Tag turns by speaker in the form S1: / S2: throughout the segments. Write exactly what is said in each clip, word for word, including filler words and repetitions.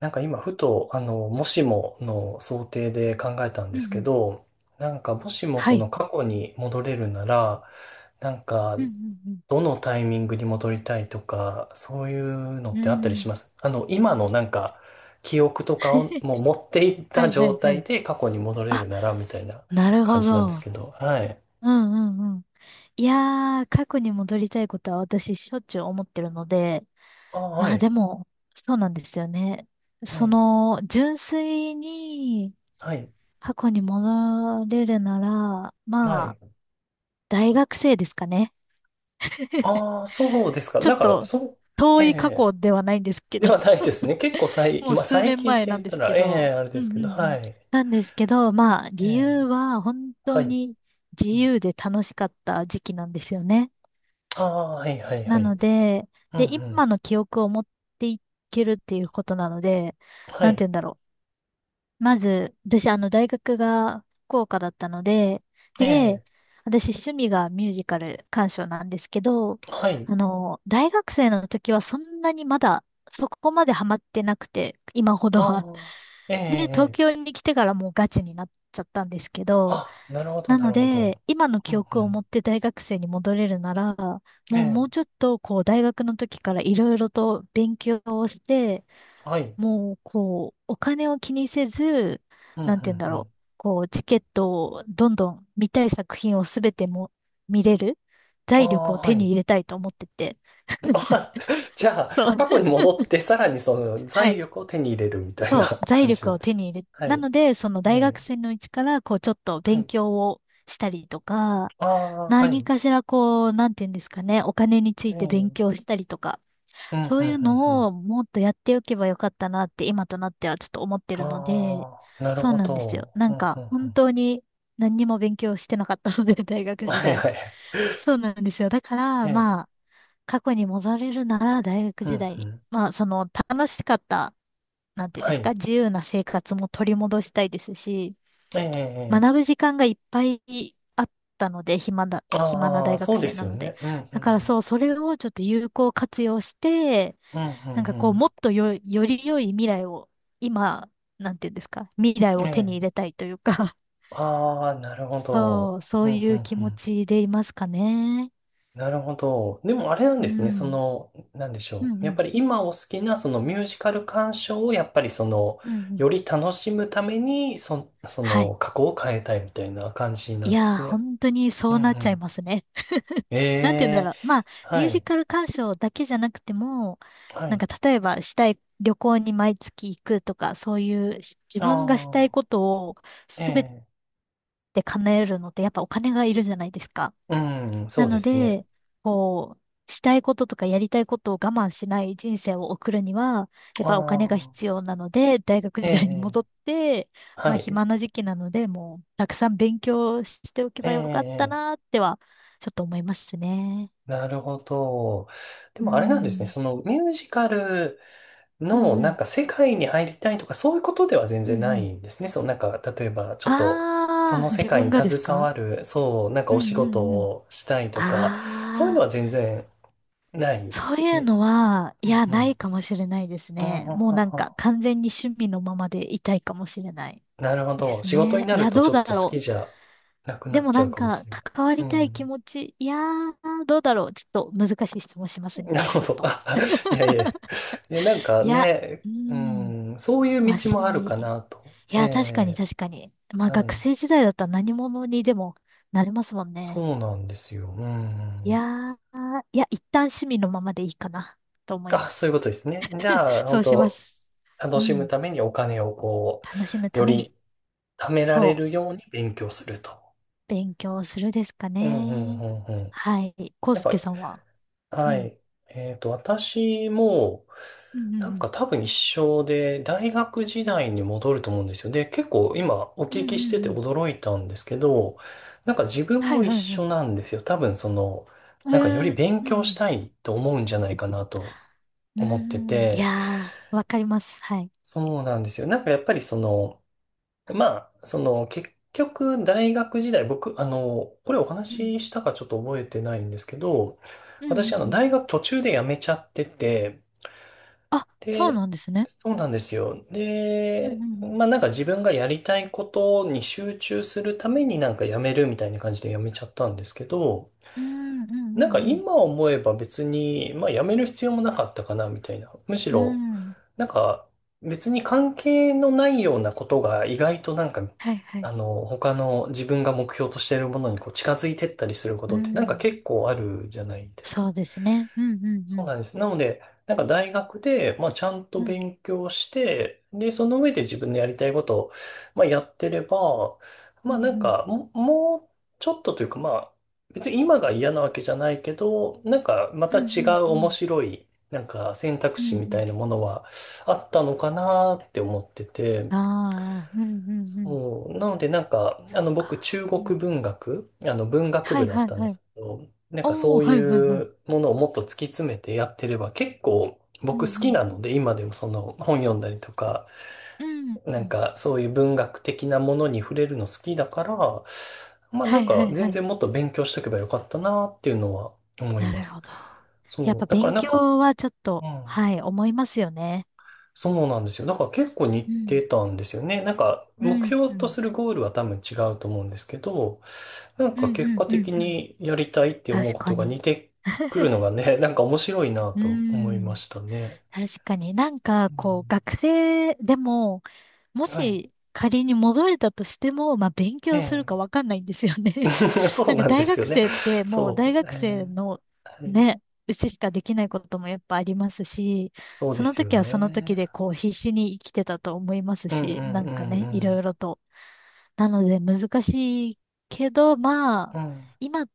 S1: なんか今ふと、あの、もしもの想定で考えたん
S2: う
S1: で
S2: んう
S1: すけ
S2: ん。
S1: ど、なんかもしも
S2: は
S1: その
S2: い。
S1: 過去に戻れるなら、なんか
S2: うんうん
S1: どのタイミングに戻りたいとか、そういうの
S2: う
S1: っ
S2: ん。
S1: てあったり
S2: う
S1: し
S2: ん。
S1: ます？あの、今のなんか記憶とかをもう持っていっ
S2: は
S1: た
S2: いは
S1: 状
S2: いは
S1: 態
S2: い。
S1: で過去に戻れ
S2: あ、
S1: るならみたいな
S2: なる
S1: 感
S2: ほ
S1: じなんです
S2: ど。
S1: けど、はい。
S2: うんうんうん。いやー、過去に戻りたいことは私しょっちゅう思ってるので、
S1: あ、は
S2: まあで
S1: い。
S2: も、そうなんですよね。
S1: え
S2: そ
S1: え、
S2: の、純粋に
S1: はい。
S2: 過去に戻れるなら、
S1: は
S2: まあ、
S1: い。
S2: 大学生ですかね。
S1: ああ、そうですか。
S2: ちょっ
S1: なんか、
S2: と、
S1: そう、
S2: 遠
S1: え
S2: い過
S1: え
S2: 去ではないんですけ
S1: で
S2: ど、
S1: はないですね。結構最、
S2: もう
S1: まあ、
S2: 数
S1: 最
S2: 年
S1: 近っ
S2: 前
S1: て
S2: な
S1: 言
S2: ん
S1: っ
S2: で
S1: た
S2: すけ
S1: ら、ええ
S2: ど、
S1: あれで
S2: うんう
S1: す
S2: ん
S1: け
S2: う
S1: ど、は
S2: ん。
S1: い。
S2: なんですけど、まあ、
S1: え
S2: 理由
S1: え
S2: は本
S1: は
S2: 当
S1: い。
S2: に自由で楽しかった時期なんですよね。
S1: ああ、はいはいは
S2: なの
S1: い。
S2: で、
S1: う
S2: で、
S1: んうん。
S2: 今の記憶を持っていけるっていうことなので、
S1: は
S2: なんて
S1: い。
S2: 言うんだろう。まず、私、あの、大学が福岡だったので、
S1: え
S2: で、
S1: え
S2: 私、趣味がミュージカル鑑賞なんですけど、
S1: はい。
S2: あの、大学生の時はそんなにまだ、そこまでハマってなくて、今ほどは。
S1: ああ、ええ
S2: で、東
S1: ええ
S2: 京に来てからもうガチになっちゃったんですけど、
S1: あ、なるほど、
S2: な
S1: な
S2: の
S1: るほど。
S2: で、今の
S1: う
S2: 記
S1: んう
S2: 憶を持
S1: ん。
S2: って大学生に戻れるなら、もう
S1: え
S2: もうち
S1: え
S2: ょっと、こう、大学の時からいろいろと勉強をして、
S1: はい。
S2: もう、こう、お金を気にせず、
S1: うんう
S2: なんて言うん
S1: ん
S2: だ
S1: う
S2: ろ
S1: ん。
S2: う。こう、チケットをどんどん見たい作品をすべても見れる
S1: あ
S2: 財力
S1: あ、
S2: を
S1: は
S2: 手に
S1: い。
S2: 入れたいと思ってて。
S1: あじゃあ、
S2: そう。
S1: 過去に 戻って、さらにその
S2: はい。
S1: 財 力を手に入れるみたいな
S2: そう。財
S1: 感じ
S2: 力
S1: なん
S2: を
S1: で
S2: 手
S1: す。
S2: に入れ、
S1: は
S2: な
S1: い。
S2: ので、その
S1: え
S2: 大学生
S1: え
S2: のうちから、こう、ちょっと
S1: は
S2: 勉
S1: い。
S2: 強をしたりとか、
S1: ああ、は
S2: 何
S1: い。
S2: かしら、こう、なんて言うんですかね。お金につ
S1: え
S2: い
S1: えう
S2: て勉
S1: ん
S2: 強したりとか、
S1: うん
S2: そ
S1: う
S2: うい
S1: ん
S2: う
S1: う
S2: の
S1: ん。
S2: をもっとやっておけばよかったなって今となってはちょっと思ってるので、
S1: ああ、なる
S2: そう
S1: ほ
S2: なんですよ。
S1: ど。
S2: な
S1: う
S2: ん
S1: ん、
S2: か
S1: うん、う
S2: 本当に何にも勉強してなかったので、大
S1: ん。
S2: 学時
S1: はい
S2: 代。
S1: はい。
S2: そうなんですよ。だか
S1: え
S2: ら、
S1: え、
S2: まあ、過去に戻れるなら大学
S1: う
S2: 時
S1: ん、
S2: 代
S1: う
S2: に。
S1: ん。
S2: まあ、その楽しかった、なんていうん
S1: は
S2: です
S1: い。
S2: か、自由な生活も取り戻したいですし、
S1: ええ、え
S2: 学
S1: え。
S2: ぶ時間がいっぱいあったので、暇だ、暇な
S1: ああ、
S2: 大学
S1: そうで
S2: 生
S1: す
S2: な
S1: よ
S2: ので。
S1: ね。うん、うん、う
S2: だから
S1: ん。
S2: そう、それをちょっと有効活用して、
S1: うん、う
S2: なん
S1: ん、
S2: か
S1: う
S2: こう、
S1: ん。
S2: もっとよ、より良い未来を、今、なんていうんですか、未来
S1: え
S2: を手に入
S1: え。
S2: れたいというか、
S1: ああ、なる ほど。
S2: そう、そ
S1: う
S2: う
S1: ん、う
S2: いう
S1: ん、
S2: 気
S1: う
S2: 持
S1: ん。
S2: ちでいますかね。
S1: なるほど。でもあれなん
S2: う
S1: ですね。そ
S2: ん。
S1: の、なんでし
S2: う
S1: ょう。
S2: んう
S1: やっ
S2: ん。
S1: ぱり今お好きなそのミュージカル鑑賞をやっぱりその、
S2: うんうん。
S1: より楽しむために、そ、そ
S2: はい。
S1: の過去を変えたいみたいな感じな
S2: い
S1: んで
S2: やー、
S1: すね。
S2: 本当にそ
S1: うん、
S2: う
S1: う
S2: なっちゃい
S1: ん。
S2: ますね。
S1: え
S2: なんて言うんだ
S1: え、
S2: ろう。まあ、ミ
S1: は
S2: ュージ
S1: い。
S2: カル鑑賞だけじゃなくても、
S1: は
S2: なん
S1: い。
S2: か例えばしたい旅行に毎月行くとか、そういうし自分がしたい
S1: ああ、
S2: ことを
S1: え
S2: すべ
S1: え、
S2: て叶えるのってやっぱお金がいるじゃないですか。
S1: うん、そ
S2: な
S1: うで
S2: の
S1: すね。
S2: で、こう、したいこととかやりたいことを我慢しない人生を送るには、やっ
S1: あ
S2: ぱお金が
S1: あ、
S2: 必要なので、大学
S1: え
S2: 時代に
S1: え、
S2: 戻って、ま
S1: は
S2: あ
S1: い、
S2: 暇な時期なので、もうたくさん勉強しておけ
S1: え
S2: ばよかった
S1: え、
S2: なっては、ちょっと思いますね。
S1: なるほど。で
S2: う
S1: もあれなんですね、
S2: ん。
S1: そのミュージカル
S2: う
S1: の
S2: んう
S1: な
S2: ん。
S1: んか世界に入りたいとかそういうことでは全
S2: う
S1: 然
S2: んう
S1: な
S2: ん。
S1: いんですね。そう、なんか例えばちょっとそ
S2: ああ、
S1: の世
S2: 自
S1: 界
S2: 分
S1: に
S2: がです
S1: 携
S2: か。
S1: わる、そう、なんか
S2: う
S1: お仕
S2: んう
S1: 事
S2: んうん。
S1: をしたいとか、そういうの
S2: ああ、
S1: は全然ないんで
S2: そう
S1: す
S2: いう
S1: ね。
S2: のは、い
S1: う
S2: や、
S1: んう
S2: ない
S1: ん。
S2: かもしれないです
S1: あ
S2: ね。もうなんか
S1: あ、
S2: 完全に趣味のままでいたいかもしれない。
S1: なるほ
S2: で
S1: ど。
S2: す
S1: 仕事に
S2: ね。
S1: な
S2: い
S1: る
S2: や、
S1: と
S2: ど
S1: ち
S2: う
S1: ょっ
S2: だ
S1: と好
S2: ろ
S1: き
S2: う。
S1: じゃなくな
S2: で
S1: っ
S2: も
S1: ちゃ
S2: な
S1: う
S2: ん
S1: かも
S2: か、
S1: しれない。
S2: 関わ
S1: う
S2: りたい気
S1: ん。
S2: 持ち。いやー、どうだろう。ちょっと難しい質問します
S1: なる
S2: ね。
S1: ほ
S2: ちょっ
S1: ど。
S2: と。
S1: あいやいや。いや、なんか
S2: いや、
S1: ね、
S2: うー
S1: う
S2: ん。
S1: ん、そういう
S2: まあ、
S1: 道
S2: 趣
S1: もあるか
S2: 味。
S1: なと。
S2: い
S1: え
S2: や、確かに
S1: え、
S2: 確かに。まあ、
S1: は
S2: 学
S1: い。
S2: 生時代だったら何者にでもなれますもんね。
S1: そうなんですよ。う
S2: い
S1: ん。
S2: やー、いや、一旦趣味のままでいいかな、と思い
S1: あ、
S2: ま
S1: そういう
S2: す。
S1: ことですね。じゃあ、
S2: そ
S1: 本
S2: うしま
S1: 当
S2: す。
S1: 楽
S2: う
S1: しむ
S2: ん。
S1: ためにお金をこ
S2: 楽しむ
S1: う、
S2: た
S1: よ
S2: めに、
S1: り貯められ
S2: そう、
S1: るように勉強すると。
S2: 勉強するですか
S1: うんうん
S2: ね。
S1: うんうん。
S2: はい。コウ
S1: なん
S2: ス
S1: か
S2: ケさんは。う
S1: は
S2: ん。
S1: い。えっと、私も、
S2: うんうんう
S1: なん
S2: ん
S1: か多分一緒で、大学時代に戻ると思うんですよ。で、結構今お
S2: うんう
S1: 聞きして
S2: ん
S1: て
S2: うん。
S1: 驚いたんですけど、なんか自分
S2: はい
S1: も一
S2: はいはい。
S1: 緒なんですよ。多分その、
S2: へ
S1: なんかより
S2: え、
S1: 勉
S2: う
S1: 強し
S2: ん
S1: たいと思うんじゃないかなと
S2: う
S1: 思って
S2: ん。うーん。い
S1: て、
S2: やー、わかります。はい。
S1: そうなんですよ。なんかやっぱりその、まあ、その結局大学時代、僕、あの、これお
S2: うん。
S1: 話ししたかちょっと覚えてないんですけど、
S2: うんうんう
S1: 私、あの、
S2: ん。
S1: 大学途中で辞めちゃってて、
S2: あ、そう
S1: で、
S2: なんですね。
S1: そうなんですよ。
S2: うん
S1: で、
S2: うん。
S1: まあなんか自分がやりたいことに集中するためになんか辞めるみたいな感じで辞めちゃったんですけど、
S2: うんうん
S1: なんか
S2: うん
S1: 今思えば別に、まあ辞める必要もなかったかなみたいな。むし
S2: う
S1: ろ、
S2: ん。うん。
S1: なんか別に関係のないようなことが意外となんか、
S2: はいは
S1: あ
S2: い。
S1: の、他の自分が目標としているものにこう近づいてったりするこ
S2: う
S1: とってなんか
S2: ん。
S1: 結構あるじゃないですか。
S2: そうですね。うんうんう
S1: そう
S2: ん。
S1: なんです。なので、なんか大学で、まあ、ちゃんと
S2: うん
S1: 勉強して、で、その上で自分のやりたいことを、まあ、やってれば、
S2: う
S1: まあ、な
S2: ん
S1: ん
S2: うん。
S1: か、ももうちょっとというか、まあ、別に今が嫌なわけじゃないけど、なんか、ま
S2: う
S1: た違
S2: ん
S1: う
S2: うんう
S1: 面
S2: ん。
S1: 白い、なんか選択
S2: うんう
S1: 肢みた
S2: ん。
S1: いなものはあったのかなって思ってて、
S2: ああ、うんうんうん。
S1: そう、なのでなんか、
S2: そ
S1: あ
S2: う
S1: の僕
S2: か。
S1: 中
S2: うん。
S1: 国文学、あの文学
S2: は
S1: 部
S2: い
S1: だっ
S2: はい
S1: たんで
S2: はい。
S1: すけど、なんかそ
S2: おー、
S1: うい
S2: はいはいはい。
S1: うものをもっと突き詰めてやってれば結構
S2: う
S1: 僕
S2: んう
S1: 好き
S2: ん。
S1: なので今でもその本読んだりとか、
S2: うん
S1: な
S2: う
S1: ん
S2: ん。
S1: かそういう文学的なものに触れるの好きだから、まあな
S2: は
S1: ん
S2: いは
S1: か
S2: いは
S1: 全
S2: い。
S1: 然もっと勉強しとけばよかったなっていうのは思い
S2: な
S1: ま
S2: る
S1: す。
S2: ほど。やっ
S1: そう、
S2: ぱ
S1: だから
S2: 勉
S1: なんか、
S2: 強はちょっ
S1: う
S2: と、
S1: ん。
S2: はい、思いますよね。
S1: そうなんですよ。だから結構
S2: う
S1: 似
S2: ん。
S1: てたんですよね。なんか
S2: う
S1: 目
S2: ん。う
S1: 標と
S2: ん。
S1: するゴールは多分違うと思うんですけど、なん
S2: う
S1: か
S2: ん。
S1: 結
S2: うん。
S1: 果
S2: うん
S1: 的
S2: うん。
S1: にやりたいって思う
S2: 確
S1: こ
S2: か
S1: とが
S2: に。
S1: 似てくるのがね、なんか面白いな
S2: う
S1: と思いま
S2: ん。
S1: したね。
S2: 確かになんか、
S1: う
S2: こう、
S1: ん、
S2: 学生でも、も
S1: はい。
S2: し仮に戻れたとしても、まあ、勉
S1: え
S2: 強する
S1: え。
S2: かわかんないんですよね。
S1: そう
S2: なんか
S1: なんで
S2: 大
S1: す
S2: 学
S1: よね。
S2: 生ってもう大
S1: そう。え
S2: 学生
S1: え。
S2: の
S1: はい。
S2: ね、うちしかできないこともやっぱありますし、
S1: そう
S2: そ
S1: で
S2: の
S1: すよ
S2: 時はその時
S1: ね。
S2: でこう必死に生きてたと思います
S1: うんう
S2: し、
S1: ん
S2: なん
S1: う
S2: か
S1: んう
S2: ね、いろい
S1: ん。
S2: ろとなので難しいけど、まあ、
S1: うん。
S2: 今、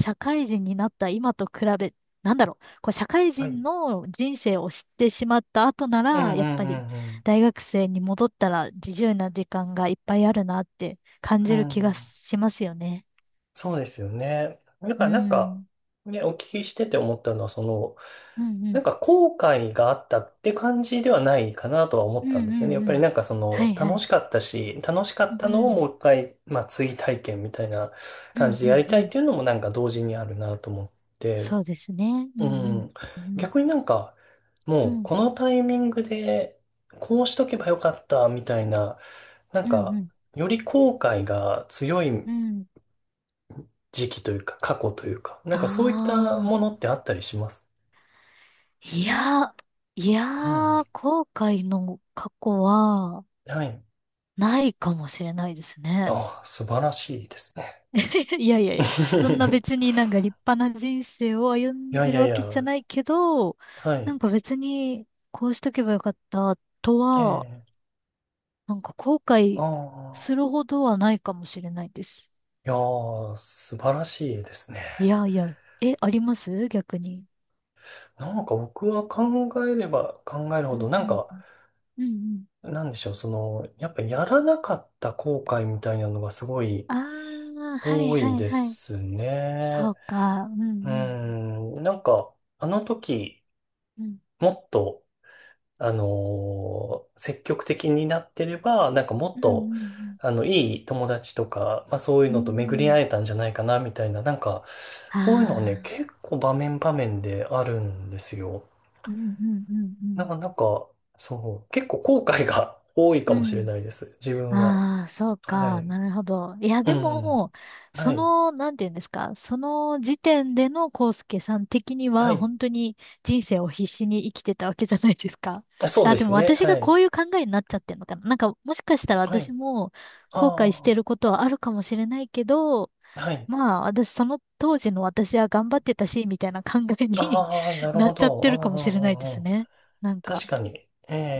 S2: 社会人になった今と比べ、なんだろう、こう社会
S1: は
S2: 人
S1: い。
S2: の人生を知ってしまった後な
S1: うん
S2: ら、
S1: う
S2: やっぱり
S1: んうん
S2: 大学生に戻ったら自由な時間がいっぱいあるなって感
S1: う
S2: じ
S1: ん。
S2: る
S1: う
S2: 気が
S1: ん。
S2: しますよね。
S1: そうですよね。だか
S2: う
S1: らなんか、
S2: ん。
S1: ね、お聞きしてて思ったのは、その、
S2: うんう
S1: なん
S2: ん。
S1: か後悔があったって感じではないかなとは思
S2: う
S1: っ
S2: ん
S1: たん
S2: う
S1: で
S2: ん
S1: すよね。やっ
S2: う
S1: ぱり
S2: ん。
S1: なんかそ
S2: は
S1: の、
S2: いは
S1: 楽
S2: い。
S1: しかったし、楽しか
S2: う
S1: ったのをも
S2: ん。
S1: う一回、まあ追体験みたいな
S2: う
S1: 感
S2: ん
S1: じ
S2: う
S1: でや
S2: ん
S1: り
S2: う
S1: たいっ
S2: ん。
S1: ていうのもなんか同時にあるなと思って、
S2: そうですね。う
S1: う
S2: んうん。
S1: ん。
S2: うん
S1: 逆になんか、
S2: う
S1: もう
S2: ん。
S1: このタイミングで、こうしとけばよかったみたいな、なん
S2: うんう
S1: か、
S2: ん。
S1: より後悔が強い
S2: うん。
S1: 時期というか、過去というか、なんかそういった
S2: あ
S1: も
S2: あ。
S1: のってあったりします？
S2: いや、いや
S1: うん。
S2: ー、後悔の過去は、
S1: はい。
S2: ないかもしれないですね。
S1: ああ、素晴らしいですね。
S2: いやいやいや、そんな 別になんか立派な人生を歩
S1: い
S2: ん
S1: やい
S2: でる
S1: やい
S2: わ
S1: や、
S2: けじゃないけど、
S1: は
S2: なん
S1: い。
S2: か別にこうしとけばよかったと
S1: え
S2: は、
S1: え、
S2: なんか後
S1: あ
S2: 悔す
S1: あ、
S2: るほどはないかもしれないです。
S1: いやー、素晴らしいですね。
S2: いやいや、え、あります逆に。
S1: なんか僕は考えれば考える
S2: う
S1: ほど、
S2: ん
S1: な
S2: う
S1: ん
S2: ん。
S1: か、
S2: うんうん。
S1: なんでしょう、その、やっぱやらなかった後悔みたいなのがすごい
S2: ああ、はい
S1: 多い
S2: はい
S1: で
S2: はい。
S1: す
S2: そ
S1: ね。
S2: うか。うんう
S1: う
S2: ん。
S1: ん、なんか、あの時、
S2: うん。
S1: もっと、あのー積極的になってれば、なんかも
S2: う
S1: っ
S2: んう
S1: と、
S2: んうん
S1: あの、いい友達とか、まあそういう
S2: う
S1: のと巡り
S2: ん。
S1: 会えたんじゃないかな、みたいな、なんか、
S2: あ
S1: そういうのはね、
S2: あ、
S1: 結構場面場面であるんですよ。
S2: うん、うん、う
S1: なん
S2: ん、
S1: か、なんか、そう、結構後悔が 多いか
S2: う
S1: も
S2: ん。
S1: しれ
S2: うん。
S1: ないです、自分は。
S2: ああ、そう
S1: は
S2: か。
S1: い。
S2: なるほど。いや、
S1: う
S2: で
S1: ん。
S2: も、そ
S1: はい。
S2: の、なんていうんですか。その時点でのコウスケさん的に
S1: は
S2: は、
S1: い。
S2: 本当に人生を必死に生きてたわけじゃないですか。
S1: あ そう
S2: あ、
S1: で
S2: で
S1: す
S2: も
S1: ね。
S2: 私
S1: は
S2: がこ
S1: い。
S2: ういう考えになっちゃってるのかな。なんか、もしかしたら
S1: は
S2: 私
S1: い。
S2: も後悔して
S1: あ
S2: ることはあるかもしれないけど、
S1: あ。はい。
S2: まあ、私、その当時の私は頑張ってたし、みたいな考えに
S1: ああ、な る
S2: なっ
S1: ほ
S2: ちゃっ
S1: ど。
S2: て
S1: う
S2: る
S1: んう
S2: かもしれない
S1: んう
S2: で
S1: んう
S2: す
S1: ん
S2: ね。なん
S1: 確
S2: か。
S1: かに。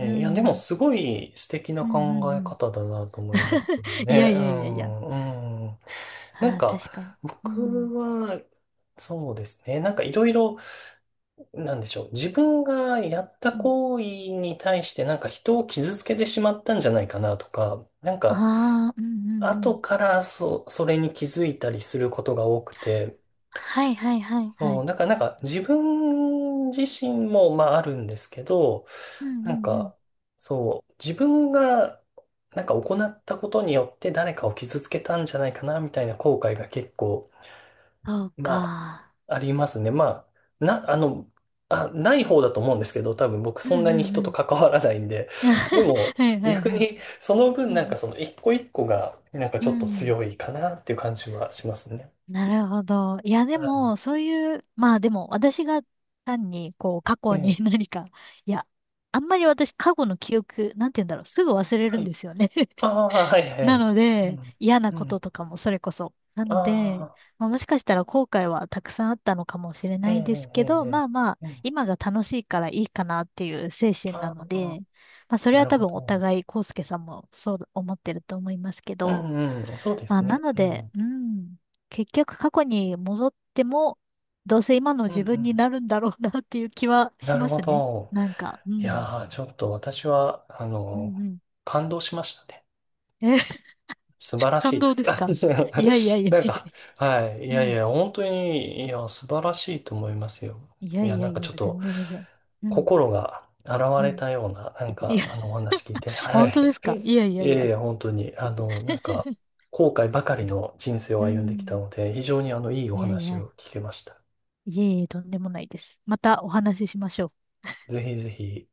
S2: う
S1: え、いや、でも
S2: ん。
S1: すごい素敵な
S2: うんうんう
S1: 考え
S2: ん。
S1: 方だなと思いますけど
S2: いや
S1: ね。
S2: い
S1: う
S2: やいやいや。
S1: ん、うん。なん
S2: ああ、
S1: か、
S2: 確かに。うん。
S1: 僕は、そうですね。なんかいろいろ、なんでしょう。自分がやった
S2: うん。
S1: 行為に対してなんか人を傷つけてしまったんじゃないかなとか、なん
S2: あ
S1: か、
S2: あ、うんうんう
S1: 後
S2: ん。
S1: からそ、それに気づいたりすることが多くて、
S2: はいはいはいは
S1: そう、
S2: い。
S1: なんか、なんか自分自身も、まああるんですけど、
S2: うんう
S1: なん
S2: んうん。
S1: か、そう、自分が、なんか行ったことによって誰かを傷つけたんじゃないかな、みたいな後悔が結構、
S2: そう
S1: まあ、
S2: か。
S1: ありますね。まあ、な、あの、あ、ない方だと思うんですけど、多分僕
S2: うん
S1: そんなに
S2: うんう
S1: 人と
S2: ん。
S1: 関わらないんで。でも、
S2: はいはい
S1: 逆
S2: はい。
S1: にその分
S2: う
S1: なんか
S2: ん。
S1: その一個一個が、なんか
S2: う
S1: ちょっと
S2: ん、
S1: 強いかなっていう感じはしますね。
S2: なるほど。いやで
S1: は
S2: も、そういう、まあでも、私が単に、こう、過
S1: い。
S2: 去
S1: ええ、
S2: に 何か、いや、あんまり私、過去の記憶、なんて言うんだろう、すぐ忘れる
S1: は
S2: ん
S1: い。
S2: ですよね。
S1: ああ、はい、は
S2: な
S1: い。
S2: の
S1: う
S2: で、
S1: ん。
S2: 嫌な
S1: う
S2: こ
S1: ん。
S2: ととかもそれこそ。な
S1: あ
S2: ので、
S1: あ、
S2: まあ、もしかしたら後悔はたくさんあったのかもしれ
S1: え
S2: ないです
S1: え、ええ、
S2: けど、
S1: え
S2: まあまあ、
S1: え。うん。
S2: 今が楽しいからいいかなっていう精神な
S1: あ
S2: の
S1: あ。
S2: で、まあそれ
S1: な
S2: は
S1: る
S2: 多
S1: ほ
S2: 分お
S1: ど。
S2: 互い、康介さんもそう思ってると思いますけ
S1: う
S2: ど、
S1: んうん、そうで
S2: まあ
S1: す
S2: な
S1: ね。
S2: の
S1: う
S2: で、
S1: ん、
S2: うん、結局過去に戻っても、どうせ今の
S1: うん、う
S2: 自分に
S1: ん。
S2: なるんだろうなっていう気はし
S1: なる
S2: ま
S1: ほ
S2: すね。
S1: ど。
S2: なんか、う
S1: い
S2: ん、
S1: やー、ちょっと私は、あ
S2: う
S1: の、
S2: んう
S1: 感動しましたね。
S2: ん。え、
S1: 素晴らし
S2: 感
S1: いで
S2: 動で
S1: す。
S2: すか。
S1: な
S2: いやいやいや。
S1: んか、はい。い
S2: う
S1: やい
S2: ん、
S1: や、本当に、いや、素晴らしいと思いますよ。
S2: いや
S1: いや、
S2: いや
S1: なん
S2: い
S1: かち
S2: や、
S1: ょっと、
S2: 全然全然。うん、
S1: 心が洗わ
S2: う
S1: れ
S2: ん。
S1: たような、なん
S2: い
S1: か、
S2: や、
S1: あの、お話聞いて、は
S2: 本当
S1: い。
S2: ですか。いやいや
S1: い
S2: い
S1: やい
S2: や。
S1: や、本当に、あの、なんか、後悔ばかりの人生を
S2: う
S1: 歩んできた
S2: ん。
S1: ので、非常にあの、いいお
S2: いやい
S1: 話
S2: や、
S1: を聞けました。
S2: いえいえ、とんでもないです。またお話ししましょう。
S1: ぜひぜひ。